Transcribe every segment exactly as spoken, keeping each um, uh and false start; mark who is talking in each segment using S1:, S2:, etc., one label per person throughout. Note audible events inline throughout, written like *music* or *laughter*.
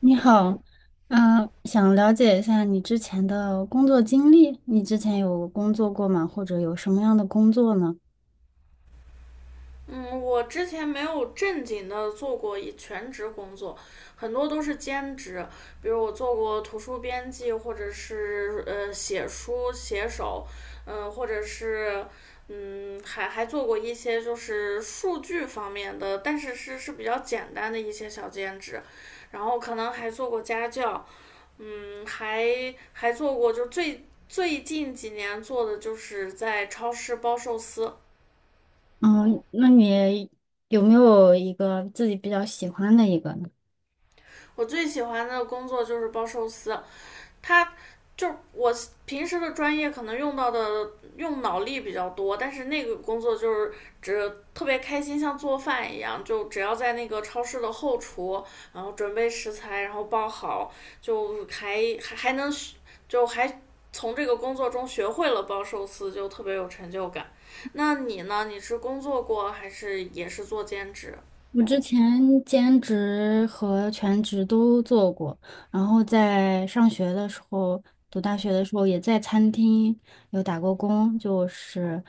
S1: 你好。嗯，想了解一下你之前的工作经历。你之前有工作过吗？或者有什么样的工作呢？
S2: 嗯，我之前没有正经的做过一全职工作，很多都是兼职。比如我做过图书编辑，或者是呃写书写手，嗯、呃或者是嗯还还做过一些就是数据方面的，但是是是比较简单的一些小兼职。然后可能还做过家教。嗯，还还做过就最最近几年做的就是在超市包寿司。
S1: 嗯，那你有没有一个自己比较喜欢的一个呢？
S2: 我最喜欢的工作就是包寿司。它就我平时的专业可能用到的用脑力比较多，但是那个工作就是只特别开心，像做饭一样，就只要在那个超市的后厨，然后准备食材，然后包好，就还还还能就还从这个工作中学会了包寿司，就特别有成就感。那你呢？你是工作过还是也是做兼职？
S1: 我之前兼职和全职都做过，然后在上学的时候，读大学的时候也在餐厅有打过工，就是，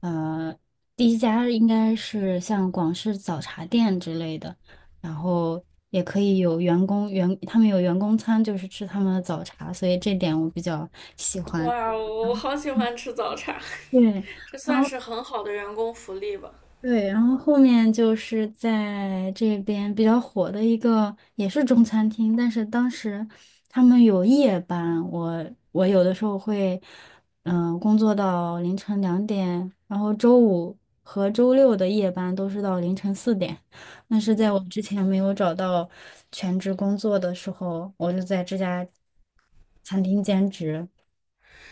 S1: 呃，第一家应该是像广式早茶店之类的，然后也可以有员工员，他们有员工餐，就是吃他们的早茶，所以这点我比较喜欢。
S2: 哇，我好喜欢吃早茶。
S1: 对。
S2: *laughs* 这
S1: 然
S2: 算
S1: 后。
S2: 是很好的员工福利吧？
S1: 对，然后后面就是在这边比较火的一个，也是中餐厅，但是当时他们有夜班，我我有的时候会，嗯、工作到凌晨两点，然后周五和周六的夜班都是到凌晨四点。那是在我之前没有找到全职工作的时候，我就在这家餐厅兼职。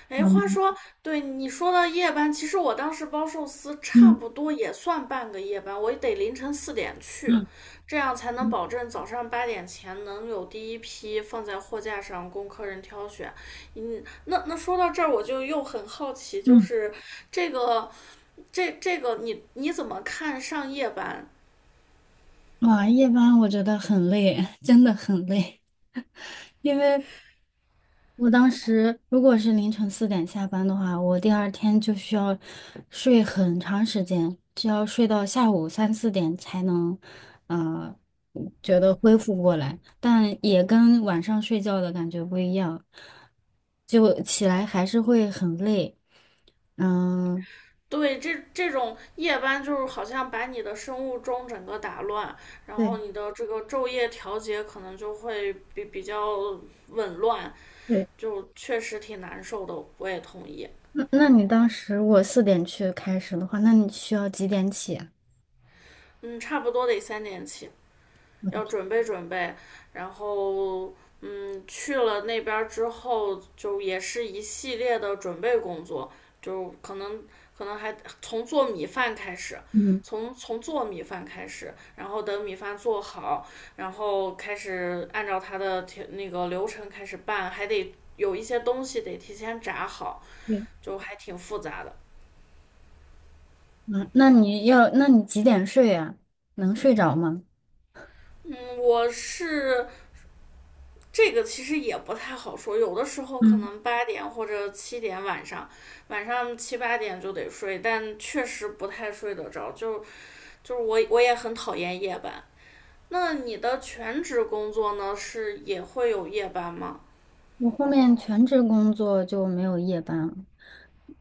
S2: 哎，话
S1: 嗯。
S2: 说，对，你说到夜班，其实我当时包寿司差
S1: 嗯。
S2: 不多也算半个夜班，我得凌晨四点去，
S1: 嗯。
S2: 这样才能保证早上八点前能有第一批放在货架上供客人挑选。嗯，那那说到这儿，我就又很好奇，就是这个这这个你你怎么看上夜班？
S1: 哇，夜班我觉得很累，*laughs* 真的很累。因为我当时如果是凌晨四点下班的话，我第二天就需要睡很长时间，就要睡到下午三四点才能，呃，觉得恢复过来，但也跟晚上睡觉的感觉不一样，就起来还是会很累。嗯，
S2: 对，这这种夜班就是好像把你的生物钟整个打乱，然后
S1: 对。
S2: 你的这个昼夜调节可能就会比比较紊乱，
S1: 对。
S2: 就确实挺难受的。我也同意。
S1: 那那你当时我四点去开始的话，那你需要几点起啊？
S2: 嗯，差不多得三点起。
S1: 我的
S2: 要
S1: 天。
S2: 准备准备，然后嗯，去了那边之后，就也是一系列的准备工作，就可能可能还从做米饭开始，
S1: 嗯。
S2: 从从做米饭开始，然后等米饭做好，然后开始按照它的那个流程开始拌，还得有一些东西得提前炸好，
S1: 对。
S2: 就还挺复杂的。
S1: 嗯，那你要，那你几点睡呀？能睡着吗？
S2: 嗯，我是这个其实也不太好说，有的时候可
S1: 嗯。
S2: 能八点或者七点晚上，晚上七八点就得睡，但确实不太睡得着。就就是我我也很讨厌夜班。那你的全职工作呢，是也会有夜班吗？
S1: 我后面全职工作就没有夜班了。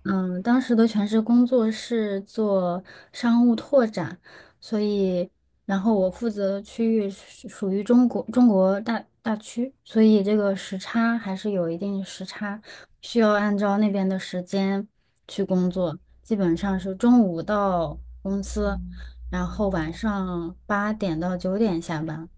S1: 嗯，当时的全职工作是做商务拓展，所以，然后我负责的区域是属于中国中国大大区，所以这个时差还是有一定时差，需要按照那边的时间去工作。基本上是中午到公司，然后晚上八点到九点下班。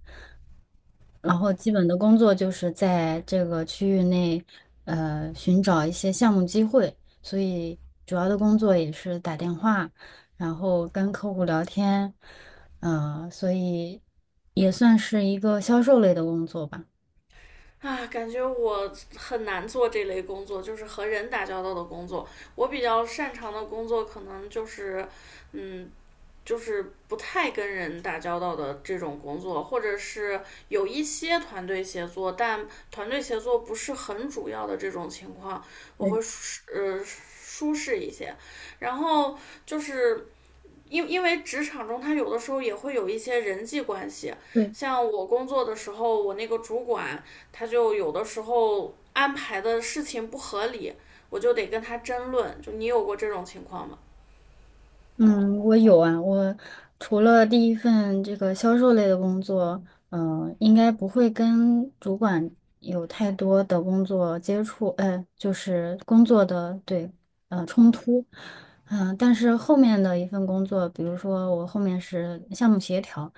S1: 然后基本的工作就是在这个区域内，呃，寻找一些项目机会，所以主要的工作也是打电话，然后跟客户聊天。嗯，所以也算是一个销售类的工作吧。
S2: 啊，感觉我很难做这类工作，就是和人打交道的工作。我比较擅长的工作可能就是，嗯，就是不太跟人打交道的这种工作，或者是有一些团队协作，但团队协作不是很主要的这种情况，我
S1: 对。
S2: 会舒呃舒适一些。然后就是因因为职场中，它有的时候也会有一些人际关系，
S1: 对。
S2: 像我工作的时候，我那个主管他就有的时候安排的事情不合理，我就得跟他争论。就你有过这种情况吗？
S1: 嗯，我有啊。我除了第一份这个销售类的工作，嗯、呃应该不会跟主管有太多的工作接触，呃，就是工作的对，呃，冲突。嗯、但是后面的一份工作，比如说我后面是项目协调，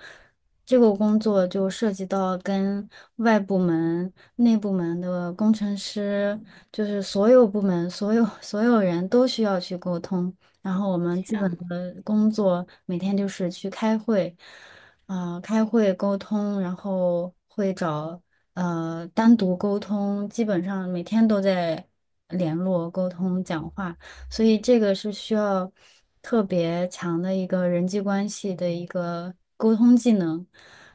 S1: 这个工作就涉及到跟外部门、内部门的工程师，就是所有部门、所有 *laughs* 所有人都需要去沟通。然后我们
S2: 天
S1: 基本
S2: 呐！
S1: 的工作每天就是去开会，呃，开会沟通，然后会找呃单独沟通，基本上每天都在联络、沟通、讲话，所以这个是需要特别强的一个人际关系的一个沟通技能。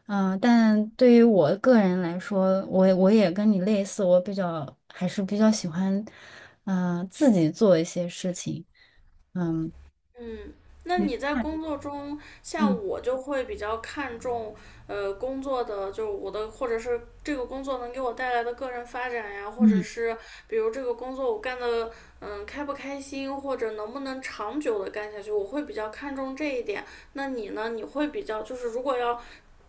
S1: 嗯、呃但对于我个人来说，我我也跟你类似，我比较还是比较喜欢，嗯、自己做一些事情。嗯，
S2: 嗯，那
S1: 对，
S2: 你在
S1: 看。
S2: 工作中，像
S1: 嗯。
S2: 我就会比较看重，呃，工作的就是我的，或者是这个工作能给我带来的个人发展呀，或者
S1: 嗯。
S2: 是比如这个工作我干的，嗯，开不开心，或者能不能长久的干下去，我会比较看重这一点。那你呢？你会比较就是如果要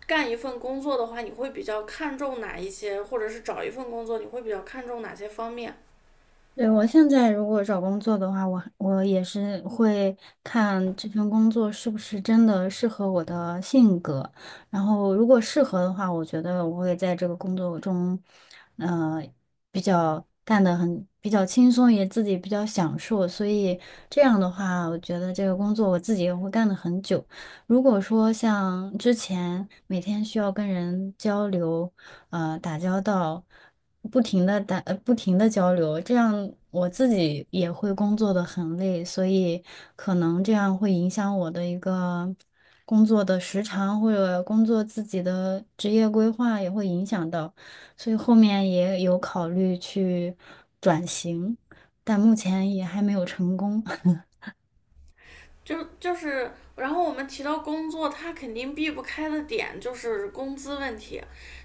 S2: 干一份工作的话，你会比较看重哪一些，或者是找一份工作，你会比较看重哪些方面？
S1: 对，我现在如果找工作的话，我我也是会看这份工作是不是真的适合我的性格，然后如果适合的话，我觉得我会在这个工作中，呃，比较干得很比较轻松，也自己比较享受，所以这样的话，我觉得这个工作我自己也会干得很久。如果说像之前每天需要跟人交流，呃，打交道，不停的打，呃不停的交流，这样我自己也会工作的很累，所以可能这样会影响我的一个工作的时长，或者工作自己的职业规划也会影响到，所以后面也有考虑去转型，但目前也还没有成功。*laughs*
S2: 就就是，然后我们提到工作，他肯定避不开的点就是工资问题。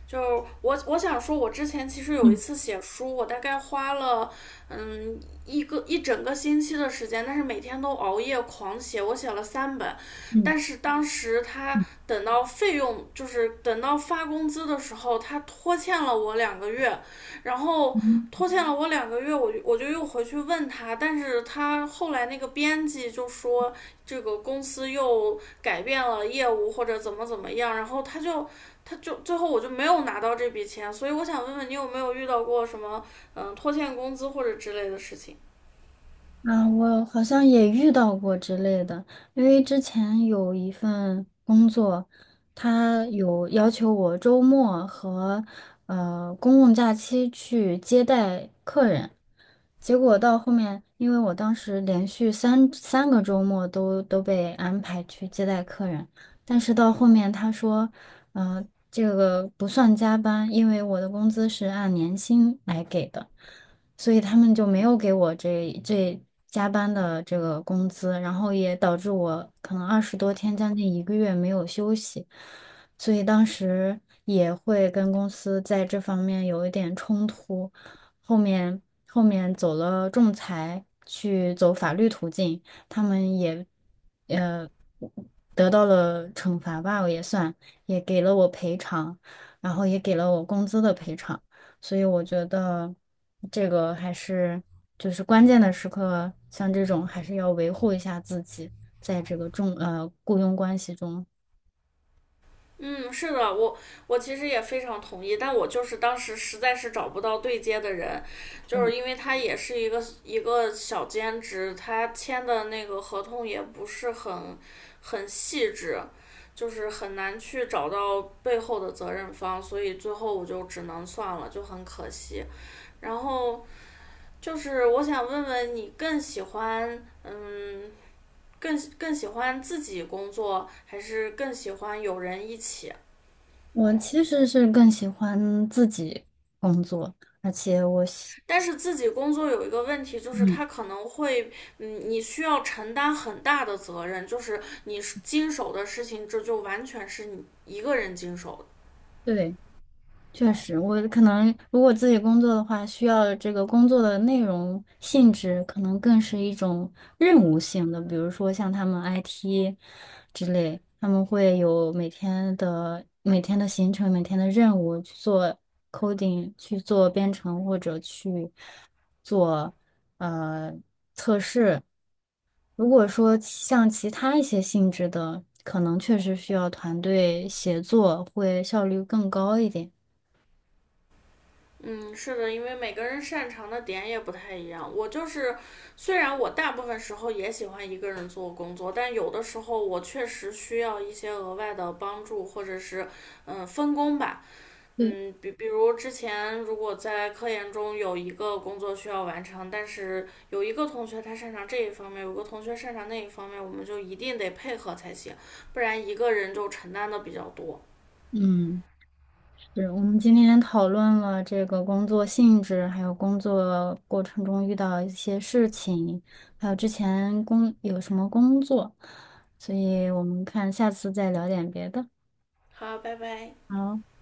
S2: 就我我想说，我之前其实有一
S1: 嗯。
S2: 次写书，我大概花了嗯一个一整个星期的时间，但是每天都熬夜狂写，我写了三本。
S1: 嗯。
S2: 但是当时他
S1: 嗯。
S2: 等到费用，就是等到发工资的时候，他拖欠了我两个月，然后
S1: 嗯。
S2: 拖欠了我两个月，我就我就又回去问他，但是他后来那个编辑就说，这个公司又改变了业务或者怎么怎么样，然后他就他就最后我就没有拿到这笔钱，所以我想问问你有没有遇到过什么嗯拖欠工资或者之类的事情？
S1: 啊，我好像也遇到过之类的，因为之前有一份工作，他有要求我周末和呃公共假期去接待客人，结果到后面，因为我当时连续三三个周末都都被安排去接待客人，但是到后面他说，嗯，这个不算加班，因为我的工资是按年薪来给的。所以他们就没有给我这这加班的这个工资，然后也导致我可能二十多天，将近一个月没有休息，所以当时也会跟公司在这方面有一点冲突，后面后面走了仲裁，去走法律途径，他们也呃得到了惩罚吧，我也算，也给了我赔偿，然后也给了我工资的赔偿。所以我觉得这个还是就是关键的时刻，像这种还是要维护一下自己在这个重呃雇佣关系中。
S2: 嗯，是的，我我其实也非常同意，但我就是当时实在是找不到对接的人，就是因为他也是一个一个小兼职，他签的那个合同也不是很很细致，就是很难去找到背后的责任方，所以最后我就只能算了，就很可惜。然后就是我想问问你，更喜欢嗯，更更喜欢自己工作，还是更喜欢有人一起？
S1: 我其实是更喜欢自己工作，而且我喜
S2: 但是自己工作有一个问题，就是
S1: 嗯，
S2: 他可能会，嗯，你需要承担很大的责任，就是你经手的事情，这就完全是你一个人经手的。
S1: 对。确实，我可能如果自己工作的话，需要这个工作的内容性质可能更是一种任务性的，比如说像他们 I T 之类，他们会有每天的每天的行程、每天的任务去做 coding、去做编程或者去做呃测试。如果说像其他一些性质的，可能确实需要团队协作，会效率更高一点。
S2: 嗯，是的，因为每个人擅长的点也不太一样。我就是，虽然我大部分时候也喜欢一个人做工作，但有的时候我确实需要一些额外的帮助，或者是嗯分工吧。
S1: 对。
S2: 嗯，比比如之前如果在科研中有一个工作需要完成，但是有一个同学他擅长这一方面，有个同学擅长那一方面，我们就一定得配合才行，不然一个人就承担的比较多。
S1: 嗯，是我们今天讨论了这个工作性质，还有工作过程中遇到一些事情，还有之前工有什么工作，所以我们看下次再聊点别的。
S2: 好，拜拜。
S1: 好。